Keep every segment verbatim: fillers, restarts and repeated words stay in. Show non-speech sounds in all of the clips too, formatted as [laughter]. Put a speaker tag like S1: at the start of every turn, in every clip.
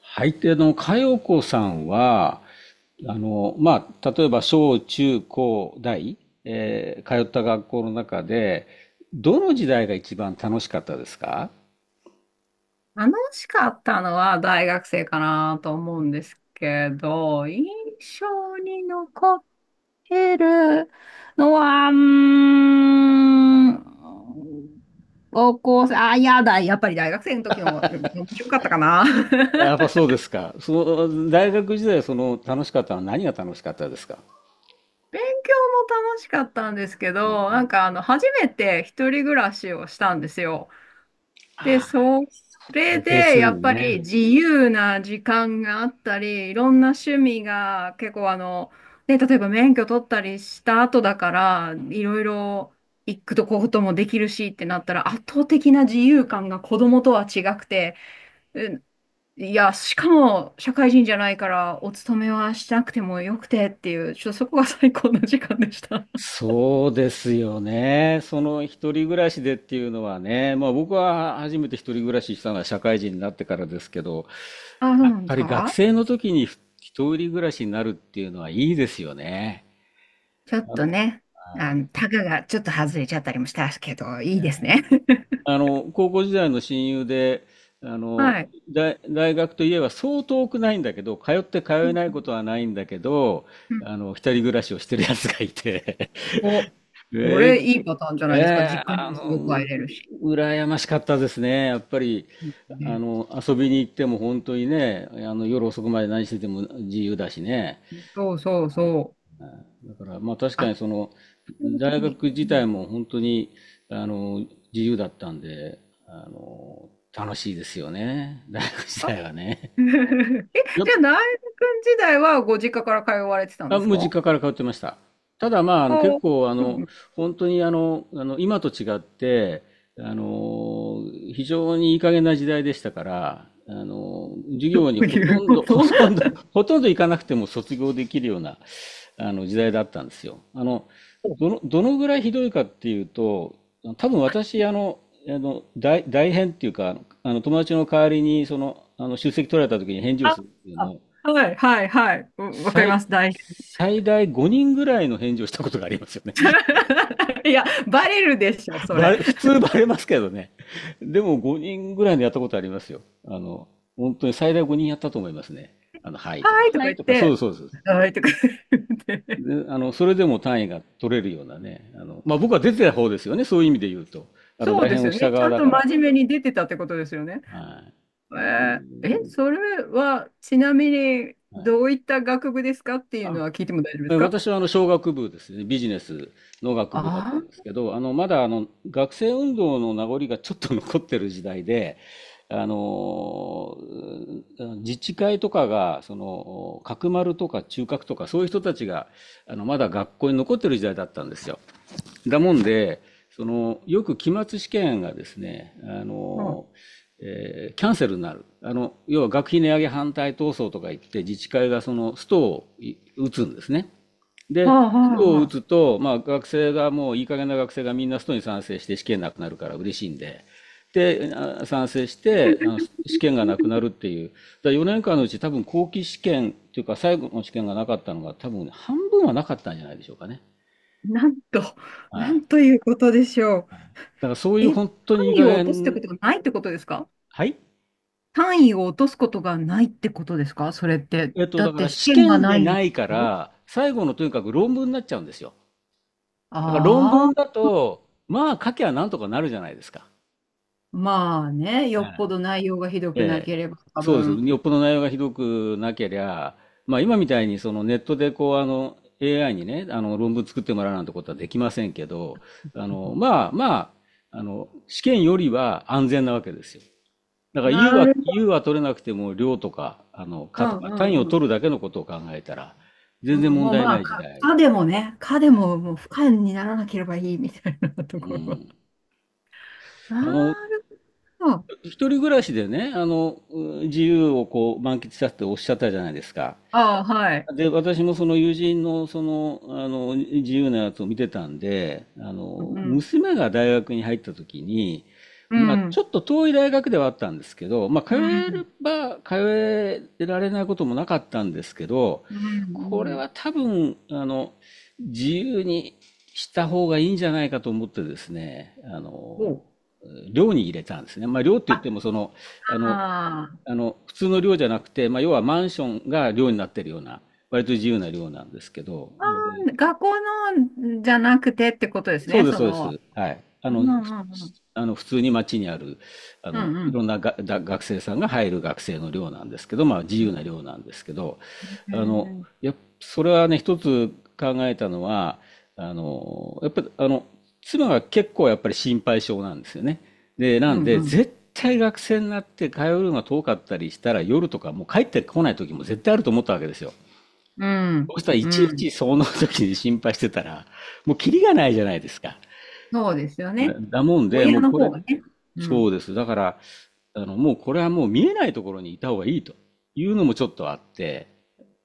S1: はい。で、あの、佳代子さんは、あの、まあ、例えば小中高大、えー通った学校の中で、どの時代が一番楽しかったですか？
S2: 楽しかったのは大学生かなと思うんですけど、印象に残ってるのは、うーん、高校生、あ、いやだ、やっぱり大学生の時の方が面白かったかな。
S1: や
S2: [laughs]
S1: っぱそうですか。その、大学時代、その、楽しかったのは何が楽しかったですか？
S2: 勉強も楽しかったんですけど、なんかあの、初めて一人暮らしをしたんですよ。で、それ
S1: 定
S2: で、
S1: 数
S2: やっぱ
S1: ね。
S2: り自由な時間があったり、いろんな趣味が結構あの、ね、例えば免許取ったりした後だから、いろいろ行くとここともできるしってなったら、圧倒的な自由感が子供とは違くて、うん。いや、しかも社会人じゃないから、お勤めはしなくてもよくてっていう、ちょっとそこが最高の時間でした。[laughs]
S1: そうですよね。その一人暮らしでっていうのはね、まあ僕は初めて一人暮らししたのは社会人になってからですけど、
S2: あ、そ
S1: や
S2: う
S1: っ
S2: なんで
S1: ぱ
S2: す
S1: り学
S2: か。
S1: 生の時に一人暮らしになるっていうのはいいですよね。
S2: ちょっ
S1: あ
S2: と
S1: の、
S2: ね、
S1: は
S2: あ
S1: い。
S2: の、タガがちょっと外れちゃったりもしたけど、いいですね。
S1: あの、高校時代の親友で、あの、
S2: はい。
S1: 大、大学といえばそう遠くないんだけど、通って通
S2: う
S1: え
S2: んう
S1: ないことはないんだけど、
S2: ん。うん。
S1: あの、一人暮らしをしてるやつがいて、
S2: お、
S1: [laughs]
S2: そ
S1: え
S2: れいいパターンじゃ
S1: え
S2: ないですか。
S1: えー
S2: 実家に
S1: あ
S2: もすぐ
S1: の、
S2: 帰
S1: う、
S2: れるし。
S1: 羨ましかったですね。やっぱり、
S2: うん。
S1: あの、遊びに行っても本当にね、あの、夜遅くまで何してても自由だしね。
S2: ね、そうそうそう。
S1: だから、まあ確か
S2: 圧
S1: にその、
S2: 倒
S1: 大
S2: 的に。
S1: 学自
S2: うん。
S1: 体も本当に、あの、自由だったんで、あの、楽しいですよね。大学自
S2: あ。
S1: 体はね。
S2: [laughs] え、じゃ
S1: や、
S2: あ、ナイル君時代はご実家から通われてたん
S1: あ、
S2: です
S1: もう実
S2: か？
S1: 家から通ってました。ただまあ、あ
S2: あ
S1: の結
S2: あ、
S1: 構あ
S2: う
S1: の
S2: ん。
S1: 本当にあの、あの今と違ってあの非常にいい加減な時代でしたからあの授
S2: ど
S1: 業に
S2: う
S1: ほ
S2: い
S1: と
S2: う
S1: ん
S2: こ
S1: ど [laughs] ほ
S2: と？
S1: とんど
S2: [laughs]
S1: ほとんど行かなくても卒業できるようなあの時代だったんですよ。あのどの、どのぐらいひどいかっていうと多分私あのあの代、代返っていうかあの友達の代わりにその、あの出席取られた時に返事を
S2: あ、
S1: するっていうの
S2: あ
S1: を
S2: はいはいはい。うわかりま
S1: 最、
S2: す。大
S1: 最大ごにんぐらいの返事をしたことがありますよね。
S2: [laughs] いや、バレるでしょ、
S1: [laughs]
S2: そ
S1: バ
S2: れ。
S1: レ、普通バレますけどね。でもごにんぐらいのやったことありますよ。あの、本当に最大ごにんやったと思いますね。あの、はいとか、
S2: はいと
S1: は
S2: か
S1: い
S2: 言っ
S1: とか、そうで
S2: て、
S1: す、そうです。
S2: はいとか言って。
S1: で、あの、それでも単位が取れるようなね。あの、まあ、僕は出てた方ですよね。そういう意味で言うと。あの、
S2: そう
S1: 大
S2: で
S1: 変
S2: す
S1: を
S2: よ
S1: した
S2: ね。ち
S1: 側
S2: ゃん
S1: だ
S2: と
S1: から。
S2: 真面目に出てたってことですよね。
S1: はい。
S2: えーえ、それはちなみに
S1: はい。
S2: どういった学部ですかっていうの
S1: あ
S2: は聞いても大丈夫で
S1: え
S2: すか？
S1: 私はあの商学部ですね、ビジネスの学部だっ
S2: あ
S1: たんですけど、あのまだあの学生運動の名残がちょっと残ってる時代で、あのうん自治会とかがその角丸とか中核とかそういう人たちがあのまだ学校に残ってる時代だったんですよ。だもんで、そのよく期末試験がですね、あ
S2: あ、は
S1: のえーキャンセルになる。あの要は学費値上げ反対闘争とか言って自治会がそのストをい打つんですね。
S2: あ、
S1: で、
S2: は
S1: スト
S2: あ、
S1: を
S2: は
S1: 打
S2: あ。
S1: つと、まあ、学生がもういい加減な学生がみんなストに賛成して試験なくなるから嬉しいんで、で、あ賛成してあの試験がなくなるっていう、だからよねんかんのうち多分後期試験というか最後の試験がなかったのが多分半分はなかったんじゃないでしょうかね。
S2: なんと、な
S1: はい。
S2: んと
S1: だ
S2: いうことでしょう。
S1: からそういう
S2: え、単
S1: 本当にいい
S2: 位
S1: 加
S2: を落とすってこ
S1: 減、
S2: とがないってことですか？
S1: はい。
S2: 単位を落とすことがないってことですかそれって。
S1: えっと、
S2: だ
S1: だ
S2: っ
S1: か
S2: て
S1: ら
S2: 試
S1: 試
S2: 験が
S1: 験
S2: な
S1: で
S2: いんで
S1: な
S2: し
S1: いか
S2: ょ？
S1: ら、最後のとにかく論文になっちゃうんですよ。だから論
S2: あ
S1: 文
S2: あ、
S1: だと、まあ書きゃなんとかなるじゃないですか。
S2: まあね、よ
S1: は
S2: っぽ
S1: い、
S2: ど内容がひどくな
S1: ええ、
S2: ければ多
S1: そうです。
S2: 分。
S1: よっぽど内容がひどくなけりゃ、まあ今みたいにそのネットでこうあの エーアイ にね、あの論文作ってもらうなんてことはできませんけど、あの、まあまあ、あの、試験よりは安全なわけですよ。だから U
S2: な
S1: は、
S2: るほ
S1: U
S2: ど。
S1: は取れなくても量とか、あの、
S2: う
S1: かとか、単位
S2: ん
S1: を
S2: うん
S1: 取るだけのことを考えたら、
S2: う
S1: 全然
S2: ん。
S1: 問
S2: もう
S1: 題
S2: ま
S1: な
S2: あ、
S1: い時
S2: か、
S1: 代。
S2: かでもね、かでももう不可にならなければいいみたいなと
S1: う
S2: ころは。
S1: ん。
S2: な
S1: あの、
S2: るほど。
S1: 一人暮らしでね、あの、う自由をこう満喫したっておっしゃったじゃないですか。
S2: ああ、はい。
S1: で、私もその友人のその、あの、自由なやつを見てたんで、あ
S2: う
S1: の、
S2: ん、
S1: 娘が大学に入った時に、
S2: う
S1: まあ、
S2: ん、う
S1: ちょ
S2: ん、
S1: っと遠い大学ではあったんですけど、まあ、通
S2: うん、
S1: えれば通えられないこともなかったんですけど、
S2: う
S1: これ
S2: ん。
S1: は多分、あの、自由にした方がいいんじゃないかと思ってですね、あ
S2: お
S1: の、
S2: う
S1: 寮に入れたんですね。まあ、寮って言って
S2: あ、
S1: も、その、あの、
S2: あー
S1: あの普通の寮じゃなくて、まあ、要はマンションが寮になってるような割と自由な寮なんですけど、
S2: あー、学校のじゃなくてってことです
S1: そう
S2: ね、
S1: です、
S2: そ
S1: そうで
S2: の。
S1: す。はい。あ
S2: う
S1: の、
S2: ん、う
S1: ふ
S2: ん、うん、
S1: あの普通に街にある、あ
S2: う
S1: の、い
S2: ん、
S1: ろんなが、だ学生さんが入る学生の寮なんですけど、まあ自
S2: う
S1: 由
S2: ん。
S1: な寮なんですけど、
S2: へ
S1: あの、
S2: ー。
S1: やっ、それはね、一つ考えたのは、あの、やっぱり、あの、妻が結構やっぱり心配性なんですよね。で、な
S2: う
S1: ん
S2: ん、
S1: で、
S2: うん、
S1: 絶対学生になって通うのが遠かったりしたら、夜とかもう帰ってこない時も絶対あると思ったわけですよ。
S2: うん、
S1: そしたらい
S2: う
S1: ちい
S2: ん。
S1: ちその時に心配してたら、もうキリがないじゃないですか。
S2: そうですよ
S1: だ
S2: ね。
S1: だもんで、
S2: 親
S1: もう
S2: の
S1: こ
S2: 方
S1: れ、
S2: がね。う
S1: そ
S2: ん、
S1: うです。だから、あの、もうこれはもう見えないところにいた方がいいというのもちょっとあって、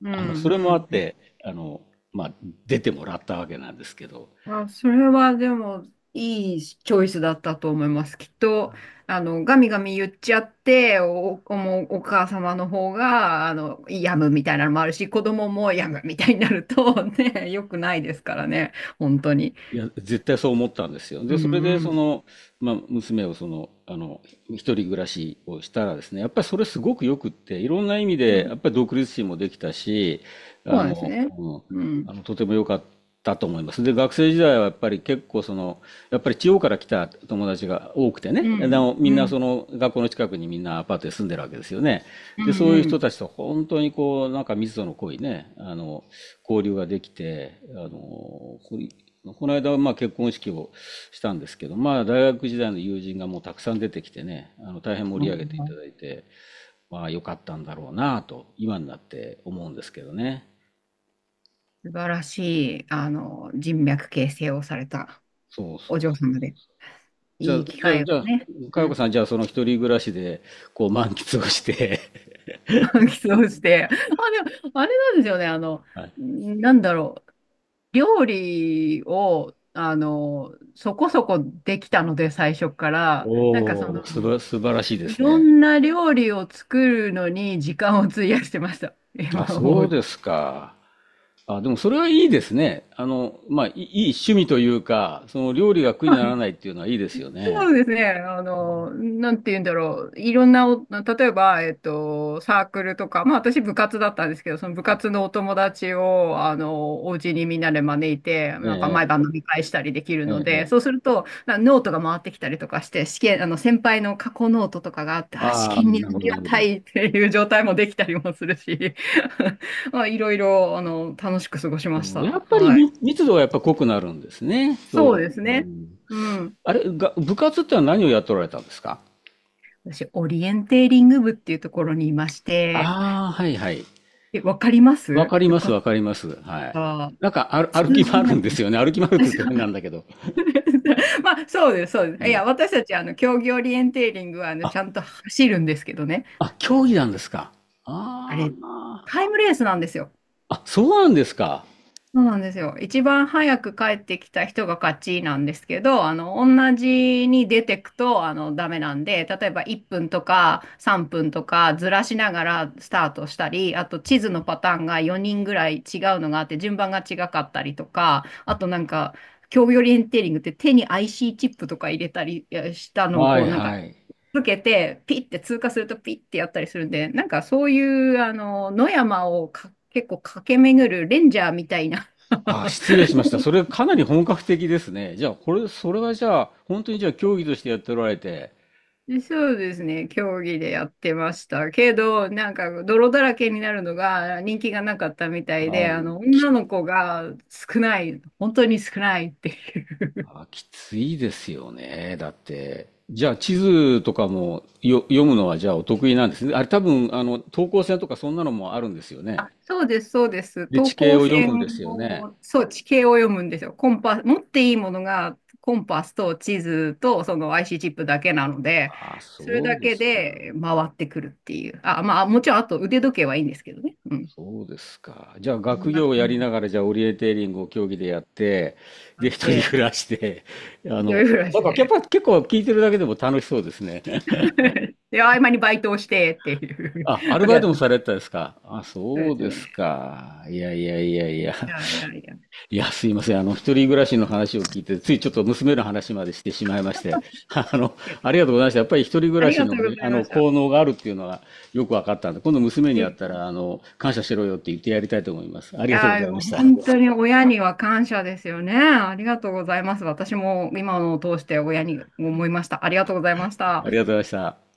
S2: う
S1: あの、
S2: ん、
S1: それ
S2: う
S1: もあっ
S2: ん、
S1: て、あの、まあ、出てもらったわけなんですけど、
S2: あ、それはでも、いいチョイスだったと思います。きっと、あの、ガミガミ言っちゃって、お、お、もうお母様の方が、あの、病むみたいなのもあるし、子供も病むみたいになると、[laughs] ね、良くないですからね、本当に。
S1: いや、絶対そう思ったんですよ。で、
S2: う
S1: それで、
S2: ん、う
S1: そ
S2: ん。
S1: の、まあ、娘をその、あの、一人暮らしをしたらですね、やっぱりそれすごくよくって、いろんな意味
S2: う
S1: で、や
S2: ん。
S1: っぱり独立心もできたし、
S2: そう
S1: あ
S2: なんです
S1: の、
S2: ね。
S1: うん、
S2: うん。
S1: あの、とても良かったと思います。で、学生時代はやっぱり結構その、やっぱり地方から来た友達が多くて
S2: う
S1: ね、で
S2: ん、
S1: もみん
S2: う
S1: なそ
S2: ん、
S1: の学校の近くにみんなアパートで住んでるわけですよね。
S2: う
S1: で、
S2: ん、
S1: そう
S2: う
S1: いう人
S2: ん。
S1: たちと本当にこう、なんか密度の濃いね、あの、交流ができて、あの、ここの間はまあ結婚式をしたんですけど、まあ大学時代の友人がもうたくさん出てきてね、あの大変盛
S2: う
S1: り
S2: ん。
S1: 上げていただいて、まあ良かったんだろうなと、今になって思うんですけどね。
S2: 素晴らしい、あの、人脈形成をされた
S1: そう
S2: お
S1: そう。
S2: 嬢様で、
S1: じゃ
S2: い
S1: あ、
S2: い機
S1: じゃ
S2: 会
S1: あ、
S2: を
S1: じゃあ、
S2: ね。
S1: 佳代
S2: う
S1: 子
S2: ん。
S1: さん、じゃあ、その一人暮らしで、こう、満喫をして
S2: [laughs] 起動して。あ、でも、あれなんですよね。あの、
S1: [laughs] はい。
S2: なんだろう。料理を、あの、そこそこできたので、最初から。なんかそ
S1: おお、す
S2: の、
S1: ば、素晴らしいで
S2: い
S1: す
S2: ろ
S1: ね。
S2: んな料理を作るのに時間を費やしてました。
S1: あ、
S2: 今思
S1: そう
S2: うと。
S1: ですか。あ、でも、それはいいですね。あの、まあ、いい、いい趣味というか、その料理が苦にならないっていうのはいいですよ
S2: そ
S1: ね。
S2: うですね。あの、なんて言うんだろう。いろんなお、例えば、えっと、サークルとか、まあ私部活だったんですけど、その部活のお友達を、あの、お家にみんなで招いて、
S1: え
S2: なんか毎
S1: え、
S2: 晩飲み会したりできる
S1: ええ、
S2: の
S1: え
S2: で、そう
S1: え。
S2: すると、なノートが回ってきたりとかして、試験、あの、先輩の過去ノートとかがあって、あ、試
S1: ああ、
S2: 験にあ
S1: なるほど、
S2: り
S1: なる
S2: が
S1: ほ
S2: た
S1: ど。
S2: いっていう状態もできたりもするし、[laughs] まあいろいろ、あの、楽しく過ごしまし
S1: うん、や
S2: た。
S1: っぱり
S2: はい。
S1: 密密度がやっぱ濃くなるんですね。
S2: そう
S1: そ
S2: です
S1: う。う
S2: ね。
S1: ん、
S2: うん。
S1: あれ、が、部活ってのは何をやっておられたんですか？
S2: 私、オリエンテーリング部っていうところにいまして、
S1: ああ、はいはい。
S2: え、わかりま
S1: わ
S2: す
S1: かり
S2: よ
S1: ます、
S2: かっ
S1: わかります。はい。
S2: た。
S1: なんかある
S2: 通
S1: 歩き
S2: じ
S1: 回
S2: な
S1: る
S2: い。
S1: んです
S2: [laughs]
S1: よね。歩き回るっ
S2: あ
S1: て言
S2: そ
S1: うと変なん
S2: う。
S1: だけど。
S2: [laughs] まあ、そうです、そうです。い
S1: ね、
S2: や、私たち、あの、競技オリエンテーリングは、あの、
S1: あ、
S2: ちゃんと走るんですけどね。
S1: あ、競技なんですか？
S2: あ
S1: あ
S2: れ、
S1: あ。
S2: タイムレースなんですよ。
S1: あ、そうなんですか。
S2: そうなんですよ。一番早く帰ってきた人が勝ちなんですけど、あの、同じに出てくと、あの、ダメなんで、例えばいっぷんとかさんぷんとかずらしながらスタートしたり、あと地図のパターンがよにんぐらい違うのがあって、順番が違かったりとか、あとなんか、競技オリエンテーリングって手に アイシー チップとか入れたりいやしたのを
S1: は
S2: こ
S1: い
S2: うなんか
S1: はい。
S2: つけて、ピッて通過するとピッてやったりするんで、なんかそういう、あの、野山をか結構駆け巡るレンジャーみたいな。
S1: あ、
S2: [laughs]
S1: 失礼しました。それかなり本格的ですね。じゃあ、これ、それはじゃあ、本当にじゃあ競技としてやっておられて、
S2: そうですね、競技でやってましたけど、なんか泥だらけになるのが人気がなかったみたい
S1: あ
S2: で、あ
S1: ー
S2: の、
S1: き、
S2: 女の子が少ない、本当に少ないっていう。
S1: あ、きついですよね。だって。じゃあ、地図とかもよ読むのはじゃあお得意なんですね。あれ多分、あの、等高線とかそんなのもあるんですよね。
S2: そうです、そうです。
S1: 理
S2: 等
S1: 地系
S2: 高
S1: を読
S2: 線
S1: むんですよね。
S2: を、そう、地形を読むんですよ。コンパス、持っていいものがコンパスと地図とその アイシー チップだけなので、
S1: ああ、
S2: それ
S1: そう
S2: だ
S1: で
S2: け
S1: すか。
S2: で回ってくるっていう。あ、まあ、もちろん、あと腕時計はいいんですけどね。うん。
S1: そうですか。じゃあ、
S2: こん
S1: 学業
S2: な
S1: をや
S2: 感
S1: り
S2: じ
S1: な
S2: で
S1: がら、じゃあ、オリエンテーリングを競技でやって、
S2: あ
S1: で、
S2: っ
S1: 一人
S2: て、
S1: 暮らして、[laughs] あ
S2: 一
S1: の、
S2: 人暮ら
S1: なん
S2: し
S1: か、やっ
S2: で。
S1: ぱ結構聞いてるだけでも楽しそうですね。[laughs]
S2: [laughs] で、合間にバイトをしてって
S1: あ、
S2: い
S1: ア
S2: う、[laughs]
S1: ル
S2: これ
S1: バイ
S2: やっ
S1: ト
S2: て
S1: も
S2: まし
S1: さ
S2: た。
S1: れてたですか？あ、
S2: そう
S1: そ
S2: で
S1: う
S2: す
S1: です
S2: ね。
S1: か。いやいやいやいや。
S2: いやいやいや。い
S1: いや、すいません。あの、一人暮らしの話を聞いて、ついちょっと娘の話までしてしまいまして、[laughs] あの、
S2: や、
S1: ありがとうございました。やっぱり一人暮
S2: あ
S1: ら
S2: り
S1: し
S2: がとう
S1: の
S2: ご
S1: ね、
S2: ざい
S1: あ
S2: ま
S1: の、
S2: した。
S1: 効能があるっていうのはよく分かったんで、今度娘
S2: う
S1: に会った
S2: ん。
S1: ら、あの、感謝しろよって言ってやりたいと思います。あり
S2: い
S1: がとうご
S2: やー、
S1: ざいました。
S2: 本当に親には感謝ですよね。ありがとうございます。私も今のを通して親に思いました。ありがとうございました。
S1: ありがとうございました。